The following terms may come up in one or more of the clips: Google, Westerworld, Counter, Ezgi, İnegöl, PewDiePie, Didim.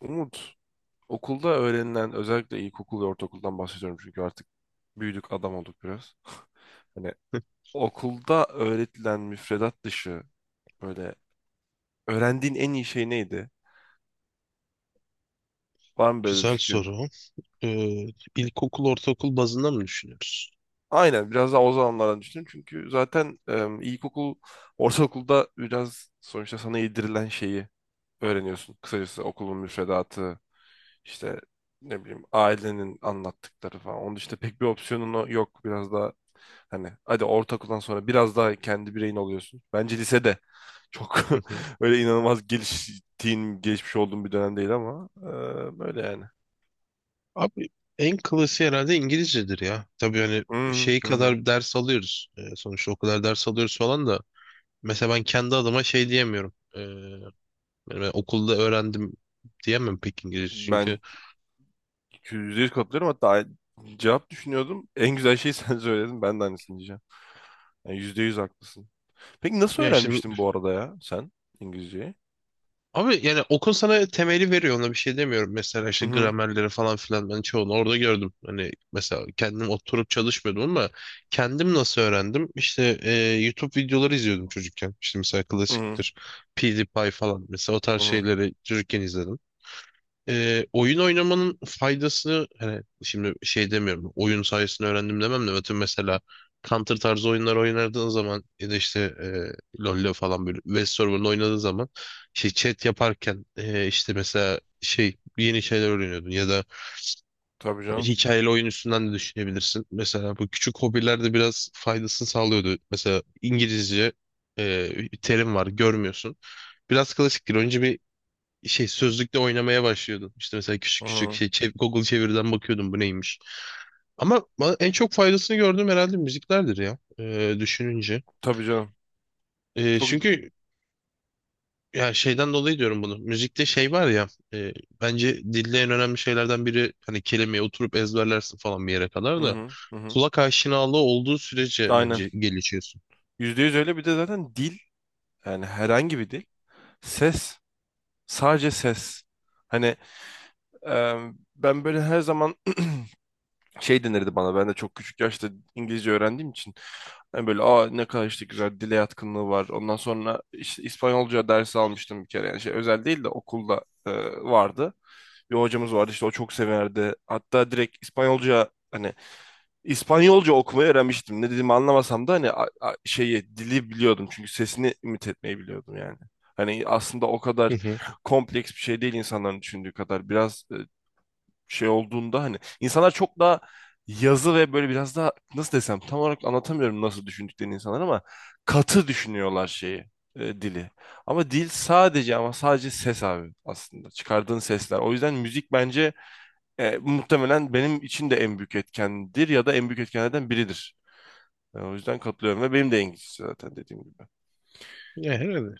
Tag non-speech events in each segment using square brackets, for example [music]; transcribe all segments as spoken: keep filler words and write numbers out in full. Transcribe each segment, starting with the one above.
Umut, okulda öğrenilen özellikle ilkokul ve ortaokuldan bahsediyorum çünkü artık büyüdük adam olduk biraz. [laughs] Hani okulda öğretilen müfredat dışı böyle öğrendiğin en iyi şey neydi? Var mı böyle bir Güzel fikrin? soru. Ee, ilkokul, ortaokul bazında mı düşünüyoruz? Aynen biraz daha o zamanlardan düşünün çünkü zaten e, ilkokul, ortaokulda biraz sonuçta sana yedirilen şeyi öğreniyorsun. Kısacası okulun müfredatı, işte ne bileyim ailenin anlattıkları falan. Onun dışında pek bir opsiyonun o- yok. Biraz daha hani hadi ortaokuldan sonra biraz daha kendi bireyin oluyorsun. Bence lisede çok Hı hı. [laughs] öyle inanılmaz geliştiğin, gelişmiş olduğum bir dönem değil ama e, böyle yani. Abi, en klasiği herhalde İngilizcedir ya. Tabii hani Hı şey hı hı. kadar ders alıyoruz. Ee, sonuçta o kadar ders alıyoruz falan da. Mesela ben kendi adıma şey diyemiyorum. Ee, yani ben okulda öğrendim diyemem pek İngilizce. Çünkü Ben yüzde yüz katılıyorum. Hatta cevap düşünüyordum. En güzel şeyi [laughs] sen söyledin. Ben de aynısını diyeceğim. Yani yüzde yüz haklısın. Peki nasıl ya işte. öğrenmiştin bu arada ya sen İngilizceyi? Abi, yani okul sana temeli veriyor, ona bir şey demiyorum. Mesela Hı işte hı. gramerleri falan filan ben çoğunu orada gördüm. Hani mesela kendim oturup çalışmıyordum ama kendim nasıl öğrendim? İşte e, YouTube videoları izliyordum çocukken. İşte mesela Hı hı. klasiktir, PewDiePie falan, mesela o tarz Hı hı. şeyleri çocukken izledim. Ee, oyun oynamanın faydası, hani şimdi şey demiyorum, oyun sayesinde öğrendim demem de, atıyorum mesela Counter tarzı oyunlar oynadığın zaman ya da işte e, LoL'le falan, böyle Westerworld oynadığın zaman şey chat yaparken e, işte mesela şey, yeni şeyler öğreniyordun, ya da Tabii canım. hikayeli oyun üstünden de düşünebilirsin. Mesela bu küçük hobiler de biraz faydasını sağlıyordu. Mesela İngilizce e, bir terim var, görmüyorsun. Biraz klasiktir. Önce bir şey sözlükte oynamaya başlıyordum. İşte mesela Hı küçük küçük hı. şey, çev- Google çeviriden bakıyordum bu neymiş. Ama bana en çok faydasını gördüğüm herhalde müziklerdir ya, e, düşününce. Tabii canım. E, Çok. Çünkü ya, şeyden dolayı diyorum bunu. Müzikte şey var ya, e, bence dilde en önemli şeylerden biri, hani kelimeyi oturup ezberlersin falan bir yere kadar Hı da, hı. Hı hı. kulak aşinalığı olduğu sürece Aynen. bence gelişiyorsun. Yüzde yüz öyle, bir de zaten dil yani herhangi bir dil. Ses. Sadece ses. Hani e, ben böyle her zaman şey denirdi bana. Ben de çok küçük yaşta İngilizce öğrendiğim için. Hani böyle aa ne kadar işte güzel, dile yatkınlığı var. Ondan sonra işte İspanyolca dersi almıştım bir kere. Yani şey özel değil de okulda e, vardı. Bir hocamız vardı işte o çok severdi. Hatta direkt İspanyolca hani İspanyolca okumayı öğrenmiştim. Ne dediğimi anlamasam da hani a- a- şeyi, dili biliyordum çünkü sesini imit etmeyi biliyordum yani. Hani aslında o Hı kadar hı. kompleks bir şey değil insanların düşündüğü kadar. Biraz e, şey olduğunda hani insanlar çok daha yazı ve böyle biraz daha nasıl desem, tam olarak anlatamıyorum nasıl düşündüklerini insanlar, ama katı düşünüyorlar şeyi, e, dili. Ama dil sadece, ama sadece ses abi, aslında çıkardığın sesler. O yüzden müzik bence e, muhtemelen benim için de en büyük etkendir ya da en büyük etkenlerden biridir. Ben o yüzden katılıyorum ve benim de İngilizce, zaten dediğim gibi. Ya herhalde.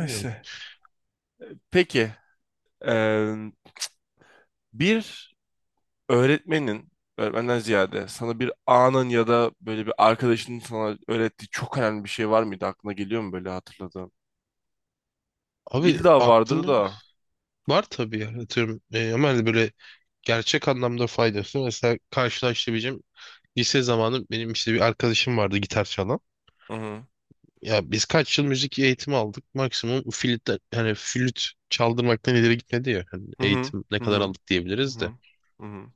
Bilmiyorum. Peki, e, bir öğretmenin, öğretmenden ziyade sana bir anın ya da böyle bir arkadaşının sana öğrettiği çok önemli bir şey var mıydı? Aklına geliyor mu böyle hatırladığın? Abi, İlla vardır aklımı da. var tabii ya. Atıyorum, e, ama hani böyle gerçek anlamda faydası, mesela karşılaştırabileceğim, lise zamanı benim işte bir arkadaşım vardı gitar çalan. Hı hı. Ya biz kaç yıl müzik eğitimi aldık, maksimum flüt, hani flüt çaldırmaktan ileri gitmedi ya, hani Hı hı. eğitim ne Hı kadar hı. aldık Hı diyebiliriz de. hı. Hı hı.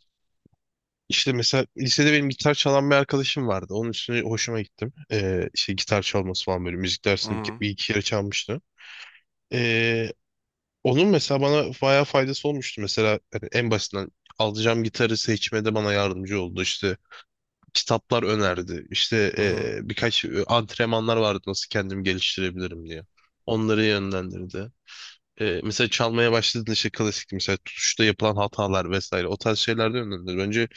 İşte mesela lisede benim gitar çalan bir arkadaşım vardı. Onun üstüne hoşuma gittim. Ee, işte gitar çalması falan, böyle müzik Hı dersinde bir, hı. ke- bir iki kere çalmıştı. Ee, Onun mesela bana bayağı faydası olmuştu. Mesela hani en basitinden alacağım gitarı seçmede bana yardımcı oldu. İşte kitaplar önerdi. İşte Hı hı. e, birkaç e, antrenmanlar vardı nasıl kendimi geliştirebilirim diye. Onları yönlendirdi. E, mesela çalmaya başladığında işte klasik mesela tutuşta yapılan hatalar vesaire, o tarz şeyler de yönlendirdi. Bence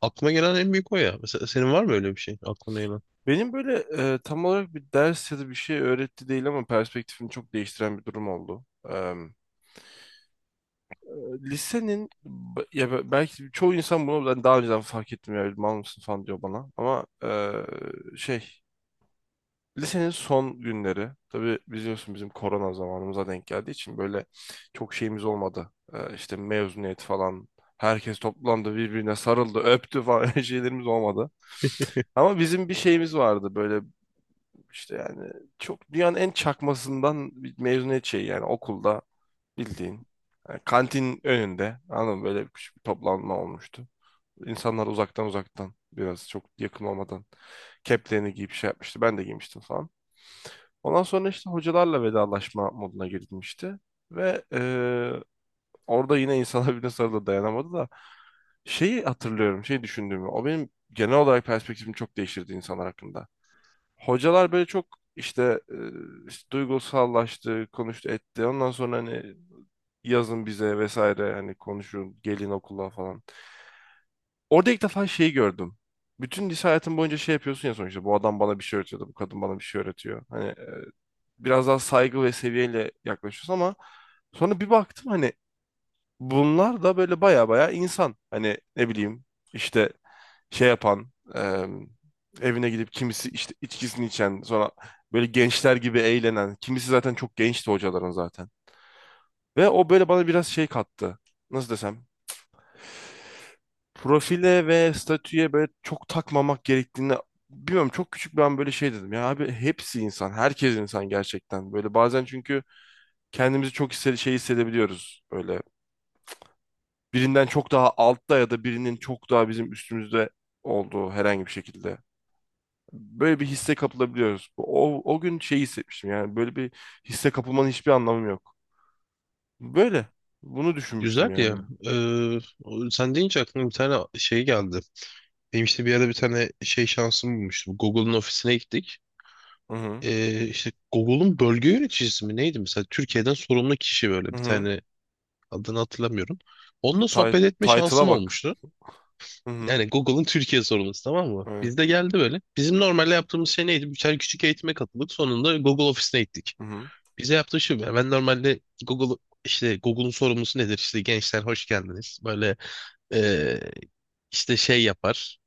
aklıma gelen en büyük o ya. Mesela senin var mı öyle bir şey aklına gelen? Benim böyle e, tam olarak bir ders ya da bir şey öğretti değil ama perspektifimi çok değiştiren bir durum oldu. Eee, lisenin b- ya be- belki çoğu insan bunu ben daha önceden fark ettim ya, mal mısın falan diyor bana, ama eee, şey, lisenin son günleri tabii biliyorsun bizim korona zamanımıza denk geldiği için böyle çok şeyimiz olmadı. Eee işte mezuniyet falan herkes toplandı, birbirine sarıldı, öptü falan [laughs] öyle şeylerimiz olmadı. Ama bizim bir şeyimiz vardı böyle, İşte yani çok, dünyanın en çakmasından bir mezuniyet şeyi yani, okulda bildiğin. Yani kantin önünde, anladın mı? Böyle küçük bir toplanma olmuştu. İnsanlar uzaktan uzaktan, biraz çok yakın olmadan keplerini giyip şey yapmıştı. Ben de giymiştim falan. Ondan sonra işte hocalarla vedalaşma moduna girilmişti. Ve eee, orada yine insanlar birbirine sarıldı, [laughs] dayanamadı da, şeyi hatırlıyorum, şey düşündüğümü. O benim genel olarak perspektifimi çok değiştirdi insanlar hakkında. Hocalar böyle çok işte, e, işte duygusallaştı, konuştu, etti. Ondan sonra hani yazın bize vesaire, hani konuşun, gelin okula falan. Orada ilk defa şeyi gördüm. Bütün lise hayatım boyunca şey yapıyorsun ya, sonuçta bu adam bana bir şey öğretiyordu, bu kadın bana bir şey öğretiyor. Hani e, biraz daha saygı ve seviyeyle yaklaşıyorsun ama sonra bir baktım hani bunlar da böyle baya baya insan. Hani ne bileyim işte şey yapan, e, evine gidip kimisi işte içkisini içen, sonra böyle gençler gibi eğlenen, kimisi zaten çok gençti hocaların zaten. Ve o böyle bana biraz şey kattı. Nasıl desem? Profile ve statüye böyle çok takmamak gerektiğini, bilmiyorum çok küçük ben böyle şey dedim. Ya abi hepsi insan, herkes insan gerçekten. Böyle bazen çünkü kendimizi çok hisse- şey hissedebiliyoruz böyle. Birinden çok daha altta ya da birinin çok daha bizim üstümüzde olduğu, herhangi bir şekilde. Böyle bir hisse kapılabiliyoruz. O, o gün şey hissetmiştim yani, böyle bir hisse kapılmanın hiçbir anlamı yok. Böyle. Bunu düşünmüştüm Güzel ya. yani. E, o- Sen deyince aklıma bir tane şey geldi. Benim işte bir yerde bir tane şey şansım bulmuştum. Google'un ofisine gittik. Hı hı. E, işte Google'un bölge yöneticisi mi neydi, mesela Türkiye'den sorumlu kişi, böyle Hı bir hı. tane, adını hatırlamıyorum. Onunla Ti- sohbet etme Title'a şansım bak. olmuştu. Hı hı. Yani Google'ın Türkiye sorumlusu, tamam mı? Evet. Biz de geldi böyle. Bizim normalde yaptığımız şey neydi? Birer küçük eğitime katıldık. Sonunda Google ofisine gittik. Hı hı. Bize yaptığı şu. Yani ben normalde Google, işte Google'un sorumlusu nedir? İşte gençler hoş geldiniz. Böyle e, işte şey yapar.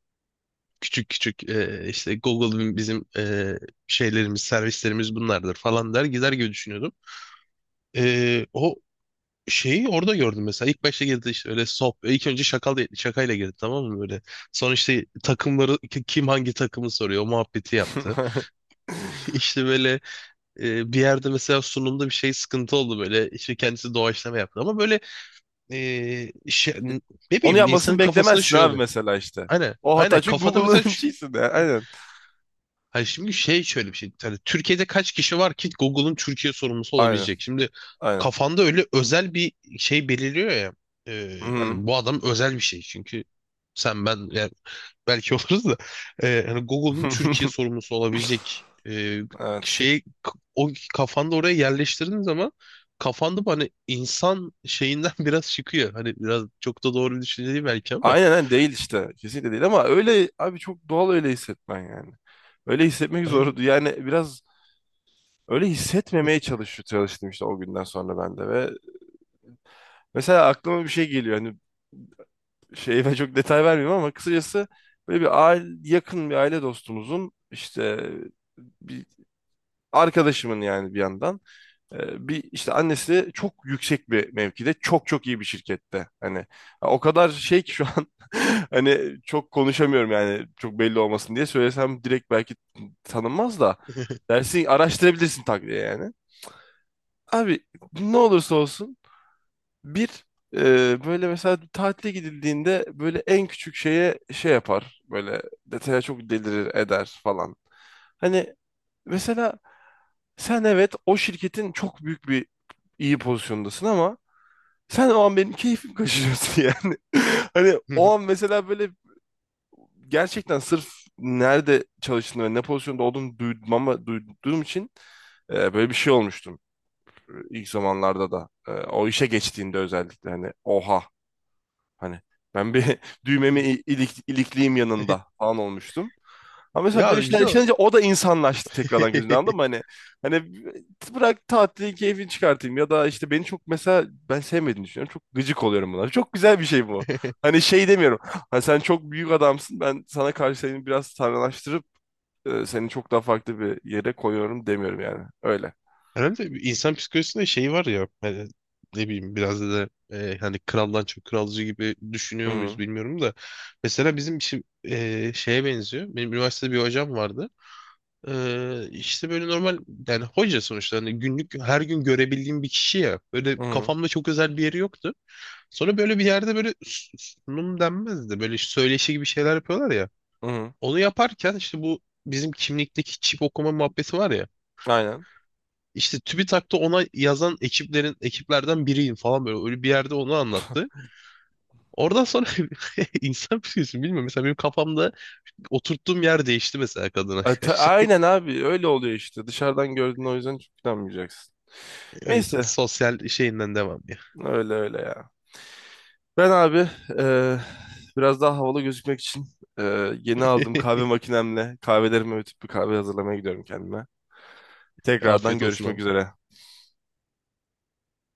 Küçük küçük e, işte Google'ın bizim e, şeylerimiz, servislerimiz bunlardır falan der gider gibi düşünüyordum. E, o şeyi orada gördüm mesela. İlk başta girdi işte öyle sop. İlk önce şakal şakayla girdi, tamam mı, böyle. Sonra işte takımları, ki- kim hangi takımı soruyor, o muhabbeti yaptı. [laughs] [laughs] İşte böyle, e, bir yerde mesela sunumda bir şey sıkıntı oldu böyle. İşte kendisi doğaçlama yaptı ama böyle, e, şey, ne Onu bileyim, yapmasını insanın kafasında beklemezsin şey abi oluyor. mesela işte. Aynen. O Aynen hata çünkü kafada mesela. Google'ın [laughs] şeysinde. Aynen. Hayır, şimdi şey, şöyle bir şey. Hani Türkiye'de kaç kişi var ki Google'ın Türkiye sorumlusu Aynen. olabilecek? Şimdi Aynen. kafanda öyle özel bir şey belirliyor ya. Ee, Hı hı. Hani bu adam özel bir şey. Çünkü sen, ben, yani belki [laughs] oluruz da e, hani Google'ın Türkiye [laughs] sorumlusu olabilecek e, Evet. şeyi, k- o kafanda oraya yerleştirdiğin zaman, kafanda bu hani insan şeyinden [laughs] biraz çıkıyor. Hani biraz çok da doğru bir düşünce değil belki, ama. Aynen, aynen değil işte. Kesinlikle değil ama öyle abi, çok doğal öyle hissetmen yani. Öyle hissetmek Aynen. zordu. Yani biraz öyle hissetmemeye çalış çalıştım işte o günden sonra ben de. Ve mesela aklıma bir şey geliyor hani, şey ve çok detay vermiyorum ama kısacası böyle bir aile, yakın bir aile dostumuzun işte bir arkadaşımın yani, bir yandan e, bir işte annesi çok yüksek bir mevkide, çok çok iyi bir şirkette hani, ha, o kadar şey ki şu an [laughs] hani çok konuşamıyorum, yani çok belli olmasın diye söylesem, direkt belki tanınmaz da [laughs] dersin, araştırabilirsin tak diye yani. Abi ne olursa olsun bir e, böyle mesela tatile gidildiğinde böyle en küçük şeye şey yapar. Böyle detaya çok delirir eder falan. Hani mesela sen, evet o şirketin çok büyük bir iyi pozisyondasın, ama sen o an benim keyfim kaçırıyorsun [laughs] yani. Hani o an mesela böyle gerçekten sırf nerede çalıştığını ve ne pozisyonda olduğunu duymama, duyduğum için e, böyle bir şey olmuştum ilk zamanlarda da, e, o işe geçtiğinde özellikle hani oha hani, ben bir [laughs] düğmemi i- ilik, ilikliyim yanında falan olmuştum. Ama mesela Ya böyle şeyler bize. yaşanınca o da insanlaştı tekrardan gözünden, anladın mı? Hani, hani bırak tatili keyfini çıkartayım ya da işte, beni çok mesela, ben sevmediğini düşünüyorum. Çok gıcık oluyorum bunlara. Çok güzel bir şey bu. [laughs] Hani şey demiyorum. Hani sen çok büyük adamsın, ben sana karşı seni biraz tanrılaştırıp e, seni çok daha farklı bir yere koyuyorum demiyorum yani. Öyle. Herhalde bir insan psikolojisinde şey var ya, hani ne bileyim, biraz da e, hani kraldan çok kralcı gibi Hı düşünüyor muyuz hı. bilmiyorum da, mesela bizim işi e, şeye benziyor. Benim üniversitede bir hocam vardı. E, işte böyle normal, yani hoca sonuçta, hani günlük her gün görebildiğim bir kişi ya. Böyle Hı hı. kafamda çok özel bir yeri yoktu. Sonra böyle bir yerde böyle s- sunum denmez de, böyle işte söyleşi gibi şeyler yapıyorlar ya. Hı hı. Onu yaparken işte bu bizim kimlikteki çip okuma muhabbeti var ya. Aynen. İşte TÜBİTAK'ta ona yazan ekiplerin, ekiplerden biriyim falan, böyle öyle bir yerde onu anlattı. Oradan sonra [laughs] insan psikolojisi bilmiyorum. Mesela benim kafamda oturttuğum yer değişti, mesela kadına E, ta- karşı. [laughs] aynen abi öyle oluyor işte. Dışarıdan gördüğün o yüzden çok inanmayacaksın. O yüzden Neyse sosyal şeyinden devam ya. öyle öyle ya. Ben abi e, biraz daha havalı gözükmek için e, yeni aldığım kahve makinemle kahvelerimi öğütüp bir kahve hazırlamaya gidiyorum kendime. [laughs] Tekrardan Afiyet olsun görüşmek abi. üzere.